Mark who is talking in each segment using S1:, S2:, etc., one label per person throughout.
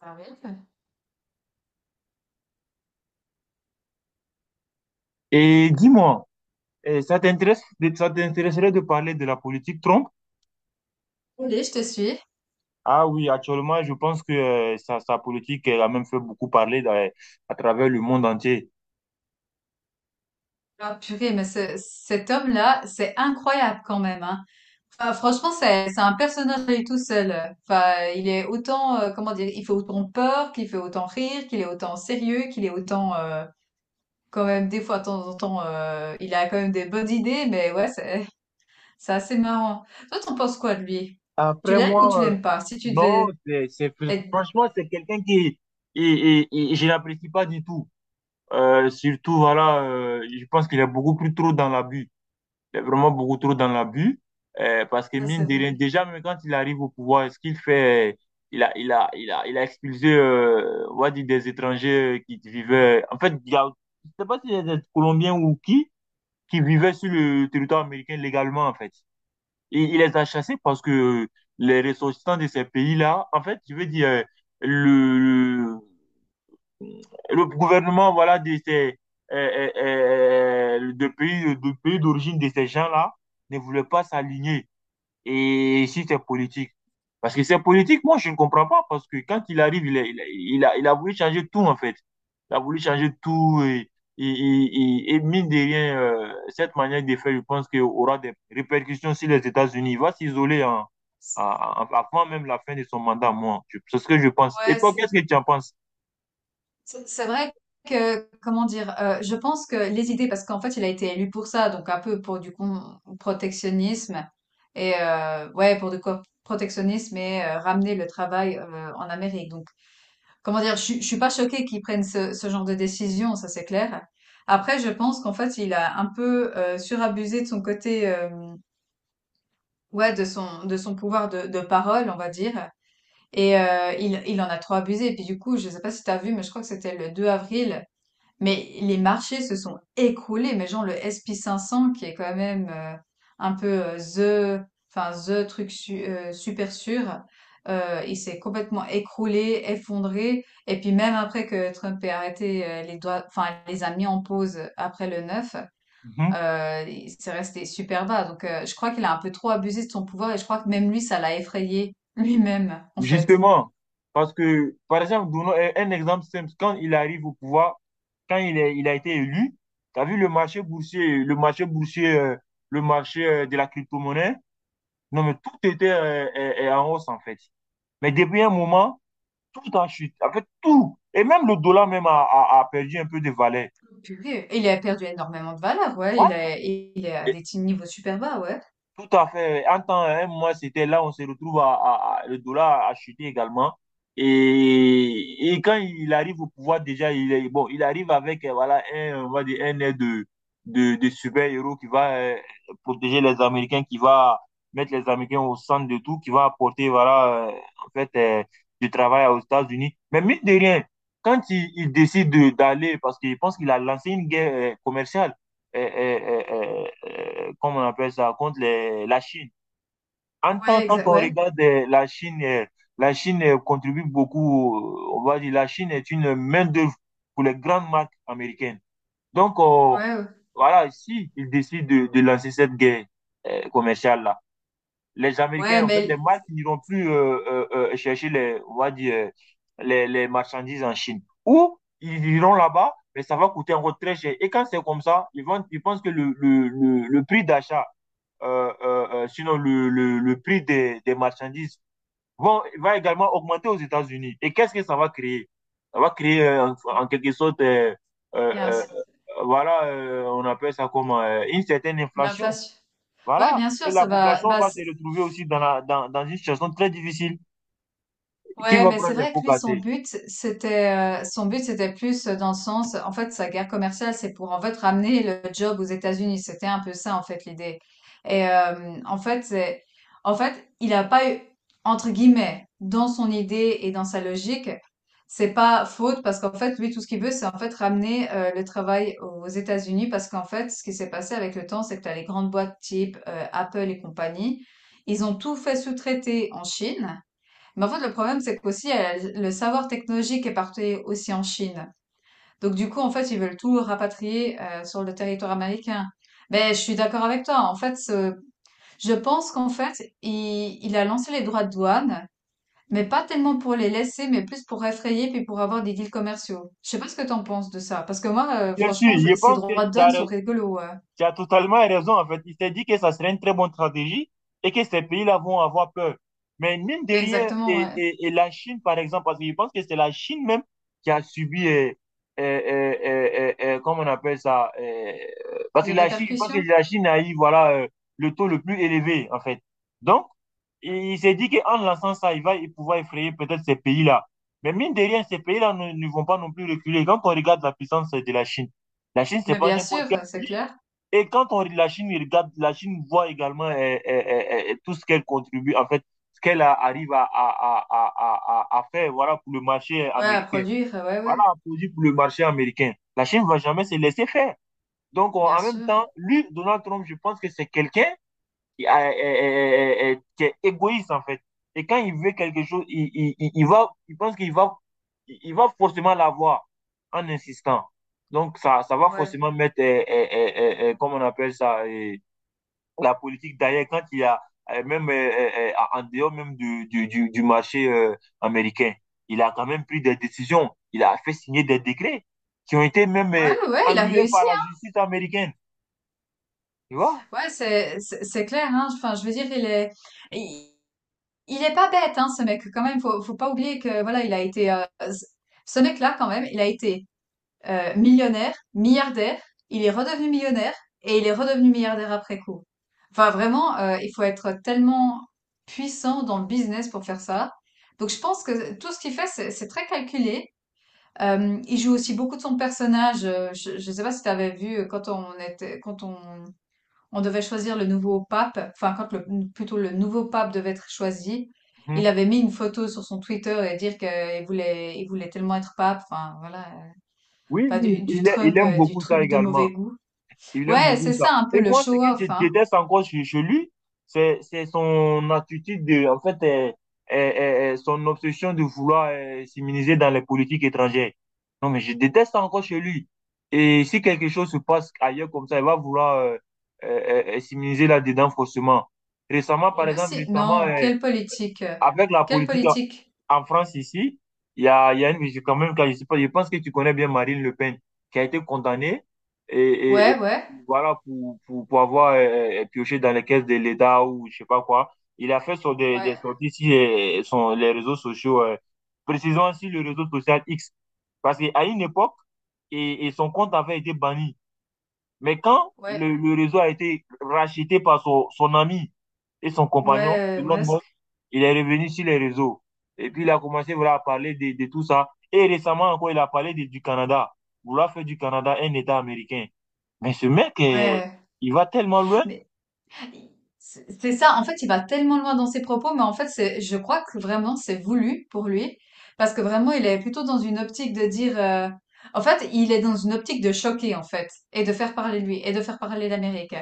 S1: Ah oui.
S2: Et dis-moi, ça t'intéresse, ça t'intéresserait de parler de la politique Trump?
S1: Allez, je te suis.
S2: Ah oui, actuellement, je pense que sa politique elle a même fait beaucoup parler à travers le monde entier.
S1: Ah, purée, mais cet homme-là, c'est incroyable quand même, hein. Enfin, franchement, c'est un personnage à lui tout seul. Enfin, il est autant, comment dire, il fait autant peur, qu'il fait autant rire, qu'il est autant sérieux, qu'il est autant, quand même, des fois, de temps en temps, il a quand même des bonnes idées, mais ouais, c'est c'est assez marrant. Toi, t'en penses quoi de lui? Tu
S2: Après
S1: l'aimes ou tu
S2: moi,
S1: l'aimes pas? Si tu
S2: non,
S1: devais être...
S2: franchement, c'est quelqu'un qui, je n'apprécie pas du tout. Voilà, je pense qu'il est beaucoup plus trop dans l'abus. Vraiment beaucoup trop dans l'abus. Parce que
S1: Ça, c'est
S2: mine de
S1: vrai.
S2: rien, déjà, même quand il arrive au pouvoir, ce qu'il fait, il a expulsé, on va dire, des étrangers qui vivaient. En fait, je sais pas si c'est des Colombiens ou qui vivaient sur le territoire américain légalement, en fait. Et il les a chassés parce que les ressortissants de ces pays-là, en fait, je veux dire, le, le gouvernement, voilà, de pays d'origine de ces gens-là ne voulait pas s'aligner. Et si c'est politique. Parce que c'est politique, moi, je ne comprends pas. Parce que quand il arrive, il a voulu changer tout, en fait. Il a voulu changer tout. Et mine de rien, cette manière de faire, je pense qu'il aura des répercussions sur les États-Unis. Il va s'isoler
S1: C'est-
S2: avant même la fin de son mandat, moi. C'est ce que je pense. Et
S1: Ouais,
S2: toi, qu'est-ce que tu en penses?
S1: c'est vrai que, comment dire, je pense que les idées, parce qu'en fait, il a été élu pour ça, donc un peu pour du protectionnisme et ouais, pour du protectionnisme et ramener le travail en Amérique. Donc, comment dire, je suis pas choquée qu'ils prennent ce genre de décision, ça c'est clair. Après, je pense qu'en fait, il a un peu surabusé de son côté, ouais, de son pouvoir de parole, on va dire. Et il en a trop abusé. Et puis du coup, je sais pas si tu as vu, mais je crois que c'était le 2 avril. Mais les marchés se sont écroulés, mais genre le S&P 500 qui est quand même un peu enfin super sûr, il s'est complètement écroulé, effondré. Et puis même après que Trump ait arrêté les doigts, enfin les a mis en pause après le 9,
S2: Mm-hmm.
S1: s'est resté super bas. Donc je crois qu'il a un peu trop abusé de son pouvoir et je crois que même lui, ça l'a effrayé lui-même en fait.
S2: Justement, parce que, par exemple, donnons un exemple simple. Quand il arrive au pouvoir, il a été élu, tu as vu le marché boursier, le marché de la crypto-monnaie? Non, mais tout était en hausse, en fait. Mais depuis un moment, tout en chute. En fait, tout. Et même le dollar même a perdu un peu de valeur.
S1: Purée, il a perdu énormément de valeur, ouais. Il
S2: Voilà.
S1: est, il est à des petits niveaux super bas, ouais.
S2: Tout à fait. En temps, un mois, c'était là, on se retrouve le dollar a chuté également. Et quand il arrive au pouvoir, déjà, il est, bon, il arrive avec voilà, un, on va dire, un air de super-héros qui va protéger les Américains, qui va mettre les Américains au centre de tout, qui va apporter voilà, du travail aux États-Unis. Mais mine de rien, quand il décide d'aller, parce qu'il pense qu'il a lancé une guerre commerciale, euh, euh, euh, comment on appelle ça, contre la Chine. En tant
S1: Ouais,
S2: quand
S1: exact,
S2: on
S1: ouais,
S2: regarde la Chine, contribue beaucoup, on va dire, la Chine est une main-d'œuvre pour les grandes marques américaines. Donc,
S1: ouais, ouais,
S2: voilà, si ils décident de lancer cette guerre commerciale-là, les Américains,
S1: Ouais,
S2: en fait, les
S1: mais
S2: marques n'iront plus chercher les, on va dire, les marchandises en Chine. Ou ils iront là-bas, mais ça va coûter encore très cher. Et quand c'est comme ça, ils pensent que le prix d'achat, sinon le prix des marchandises, va également augmenter aux États-Unis. Et qu'est-ce que ça va créer? Ça va créer en quelque sorte, euh,
S1: bien,
S2: euh, voilà, on appelle ça comment, une certaine inflation.
S1: l'inflation. Ouais,
S2: Voilà.
S1: bien sûr,
S2: Et la
S1: ça va.
S2: population
S1: Bah,
S2: va se retrouver aussi dans une situation très difficile. Qui
S1: Ouais,
S2: va
S1: mais c'est
S2: prendre les
S1: vrai que
S2: pots
S1: lui, son
S2: cassés?
S1: but, c'était, euh, son but, c'était plus dans le sens, en fait, sa guerre commerciale, c'est pour, en fait, ramener le job aux États-Unis. C'était un peu ça, en fait, l'idée. Et, en fait, c'est, en fait, il a pas eu, entre guillemets, dans son idée et dans sa logique, c'est pas faute parce qu'en fait, lui, tout ce qu'il veut, c'est, en fait, ramener, le travail aux États-Unis parce qu'en fait, ce qui s'est passé avec le temps, c'est que t'as les grandes boîtes type, Apple et compagnie. Ils ont tout fait sous-traiter en Chine. Mais en fait, le problème, c'est qu'aussi, le savoir technologique est parti aussi en Chine. Donc, du coup, en fait, ils veulent tout rapatrier sur le territoire américain. Ben, je suis d'accord avec toi. En fait, je pense qu'en fait, il a lancé les droits de douane, mais pas tellement pour les laisser, mais plus pour effrayer puis pour avoir des deals commerciaux. Je sais pas ce que t'en penses de ça, parce que moi,
S2: Bien sûr,
S1: franchement,
S2: je
S1: ces
S2: pense que
S1: droits de douane sont rigolos. Ouais.
S2: tu as totalement raison. En fait, il s'est dit que ça serait une très bonne stratégie et que ces pays-là vont avoir peur. Mais mine de rien,
S1: Exactement,
S2: et,
S1: ouais.
S2: et, et la Chine, par exemple, parce que je pense que c'est la Chine même qui a subi, comment on appelle ça, parce que
S1: Les
S2: la Chine, je pense que
S1: répercussions.
S2: la Chine a eu, voilà, le taux le plus élevé, en fait. Donc, il s'est dit qu'en lançant ça, il va pouvoir effrayer peut-être ces pays-là. Mais mine de rien, ces pays-là ne vont pas non plus reculer. Quand on regarde la puissance de la Chine, c'est
S1: Mais
S2: pas
S1: bien
S2: n'importe
S1: sûr,
S2: quel
S1: c'est
S2: pays.
S1: clair.
S2: Et quand on la Chine regarde, la Chine voit également tout ce qu'elle contribue, en fait, ce qu'elle arrive à faire voilà, pour le marché
S1: Ouais, à
S2: américain.
S1: produire, ouais, ouais,
S2: Voilà un produit pour le marché américain. La Chine ne va jamais se laisser faire. Donc,
S1: bien
S2: en même
S1: sûr.
S2: temps, lui, Donald Trump, je pense que c'est quelqu'un qui, qui est égoïste en fait. Et quand il veut quelque chose, il va, il va forcément l'avoir en insistant. Donc ça va
S1: Ouais.
S2: forcément mettre, on appelle ça, la politique derrière quand il y a même en dehors même du marché américain. Il a quand même pris des décisions. Il a fait signer des décrets qui ont été même
S1: Ouais, ouais, il a
S2: annulés
S1: réussi,
S2: par la
S1: hein.
S2: justice américaine. Tu vois?
S1: Ouais, c'est clair. Hein. Enfin, je veux dire, il, il est pas bête, hein, ce mec. Quand même, faut pas oublier que voilà, il a été c- ce mec-là quand même, il a été millionnaire, milliardaire. Il est redevenu millionnaire et il est redevenu milliardaire après coup. Enfin, vraiment, il faut être tellement puissant dans le business pour faire ça. Donc, je pense que tout ce qu'il fait, c'est très calculé. Il joue aussi beaucoup de son personnage. Je ne sais pas si tu avais vu quand on devait choisir le nouveau pape, enfin quand plutôt le nouveau pape devait être choisi, il
S2: Mhm.
S1: avait mis une photo sur son Twitter et dire qu'il voulait tellement être pape, enfin voilà,
S2: Oui,
S1: enfin,
S2: oui,
S1: du
S2: il
S1: Trump,
S2: aime
S1: du
S2: beaucoup
S1: truc
S2: ça
S1: de
S2: également.
S1: mauvais goût.
S2: Il aime
S1: Ouais,
S2: beaucoup
S1: c'est ça
S2: ça.
S1: un peu
S2: Et
S1: le
S2: moi, ce que
S1: show-off,
S2: je
S1: hein.
S2: déteste encore chez lui, c'est son attitude de, en fait, son obsession de vouloir s'immuniser dans les politiques étrangères. Non, mais je déteste ça encore chez lui. Et si quelque chose se passe ailleurs comme ça, il va vouloir s'immuniser là-dedans forcément. Récemment, par
S1: Il veut
S2: exemple,
S1: si...
S2: récemment,
S1: Non, quelle politique?
S2: avec la
S1: Quelle
S2: politique
S1: politique?
S2: en France ici, il y a une quand même, quand je sais pas, je pense que tu connais bien Marine Le Pen, qui a été condamnée
S1: Ouais,
S2: et
S1: ouais,
S2: voilà pour avoir pioché dans les caisses de l'État ou je sais pas quoi. Il a fait sur des
S1: ouais,
S2: sorties sur les réseaux sociaux, précisons sur le réseau social X, parce qu'à une époque, et son compte avait été banni. Mais quand
S1: ouais,
S2: le réseau a été racheté par son ami et son compagnon,
S1: ouais,
S2: Elon
S1: Musk.
S2: Musk, il est revenu sur les réseaux. Et puis, il a commencé voilà, à parler de tout ça. Et récemment encore, il a parlé du Canada, vouloir faire du Canada un État américain. Mais ce mec,
S1: Ouais.
S2: il va tellement loin.
S1: Mais I c'est ça, en fait, il va tellement loin dans ses propos, mais en fait, c'est, je crois que vraiment, c'est voulu pour lui, parce que vraiment, il est plutôt dans une optique de dire, en fait, il est dans une optique de choquer, en fait, et de faire parler de lui, et de faire parler l'Amérique.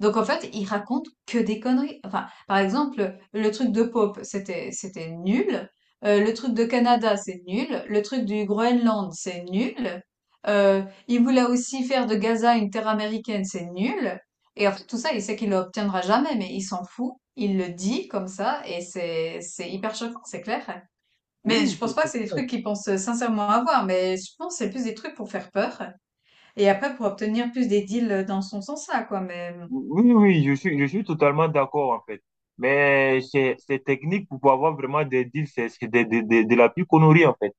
S1: Donc, en fait, il raconte que des conneries. Enfin, par exemple, le truc de Pope, c'était, c'était nul. Le truc de Canada, c'est nul. Le truc du Groenland, c'est nul. Il voulait aussi faire de Gaza une terre américaine, c'est nul. Et en fait, tout ça, il sait qu'il ne l'obtiendra jamais, mais il s'en fout. Il le dit comme ça, et c'est hyper choquant, c'est clair. Mais je
S2: Oui,
S1: pense pas
S2: c'est
S1: que c'est des
S2: clair.
S1: trucs qu'il pense sincèrement avoir, mais je pense que c'est plus des trucs pour faire peur. Et après, pour obtenir plus des deals dans son sens-là, quoi. Mais
S2: Oui, oui, je suis totalement d'accord en fait. Mais c'est technique pour pouvoir avoir vraiment des deals, c'est de la plus connerie en fait.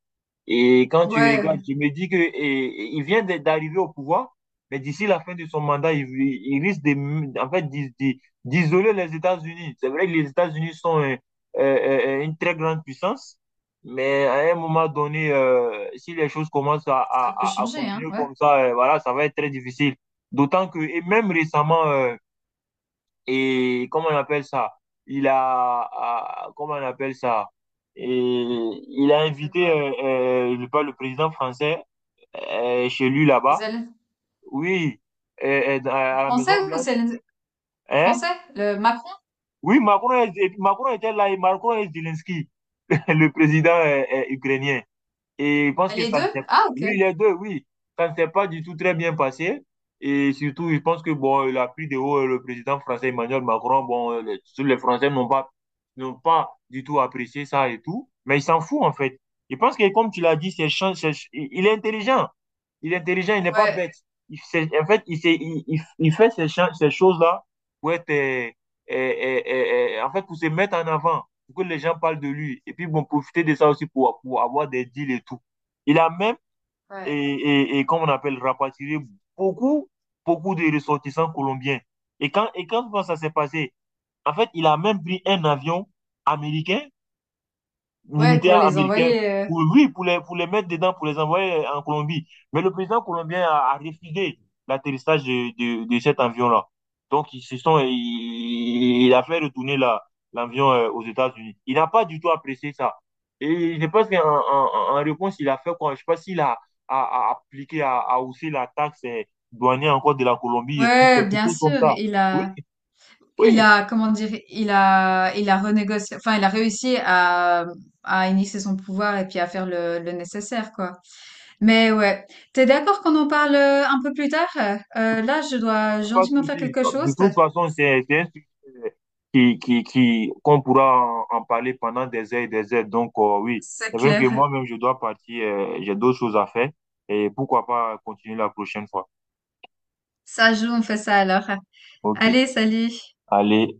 S2: Et quand tu regardes,
S1: ouais,
S2: je me dis que il vient d'arriver au pouvoir, mais d'ici la fin de son mandat, il risque de, en fait, d'isoler les États-Unis. C'est vrai que les États-Unis sont euh, une très grande puissance, mais à un moment donné, si les choses commencent
S1: ça peut
S2: à
S1: changer, hein.
S2: continuer
S1: Ouais.
S2: comme ça, voilà, ça va être très difficile. D'autant que, et même récemment, et comment on appelle ça? Comment on appelle ça? Et il a
S1: Elle a fait
S2: invité,
S1: quoi?
S2: je parle, le président français chez lui là-bas.
S1: Zelen-
S2: Oui, à la
S1: Français
S2: Maison
S1: ou
S2: Blanche. Hein?
S1: Français? Le Macron?
S2: Oui, Macron, Macron était là et Macron et Zelensky, le président ukrainien. Et je pense que
S1: Les
S2: ça ne
S1: deux?
S2: s'est...
S1: Ah, ok.
S2: Oui, les deux, oui. Ça ne s'est pas du tout très bien passé. Et surtout, je pense que bon, il a pris de haut le président français Emmanuel Macron. Bon, les Français n'ont pas du tout apprécié ça et tout. Mais il s'en fout, en fait. Je pense que, comme tu l'as dit, il est intelligent. Il est intelligent, il n'est pas
S1: Ouais.
S2: bête. En fait, il, sait- il fait ces choses-là pour être, en fait, pour se mettre en avant, pour que les gens parlent de lui. Et puis, bon, profiter de ça aussi pour avoir des deals et tout. Il a même,
S1: Ouais.
S2: et comme on appelle, rapatrié beaucoup, beaucoup de ressortissants colombiens. Et quand ça s'est passé, en fait, il a même pris un avion américain
S1: Ouais, pour
S2: militaires
S1: les
S2: américains
S1: envoyer.
S2: pour, oui, pour les mettre dedans, pour les envoyer en Colombie. Mais le président colombien a refusé l'atterrissage de cet avion-là. Donc, ils se sont, il a fait retourner la, l'avion aux États-Unis. Il n'a pas du tout apprécié ça. Et je pense qu'en en, en réponse, il a fait quoi? Je ne sais pas s'il a, a appliqué, a haussé la taxe douanière encore de la Colombie et tout,
S1: Ouais,
S2: quelque
S1: bien
S2: chose comme
S1: sûr.
S2: ça.
S1: Il
S2: Oui,
S1: a. Il
S2: oui.
S1: a, comment dire, il a, il a renégocié, enfin, il a réussi à initier son pouvoir et puis à faire le nécessaire, quoi. Mais ouais. T'es d'accord qu'on en parle un peu plus tard? Là, je dois
S2: Pas de
S1: gentiment faire
S2: souci.
S1: quelque chose.
S2: De toute façon, c'est un sujet euh, qui, qu'on pourra en parler pendant des heures et des heures. Donc, oui,
S1: C'est
S2: c'est vrai que
S1: clair.
S2: moi-même, je dois partir. J'ai d'autres choses à faire. Et pourquoi pas continuer la prochaine fois.
S1: Ça joue, on fait ça alors.
S2: OK.
S1: Allez, salut!
S2: Allez,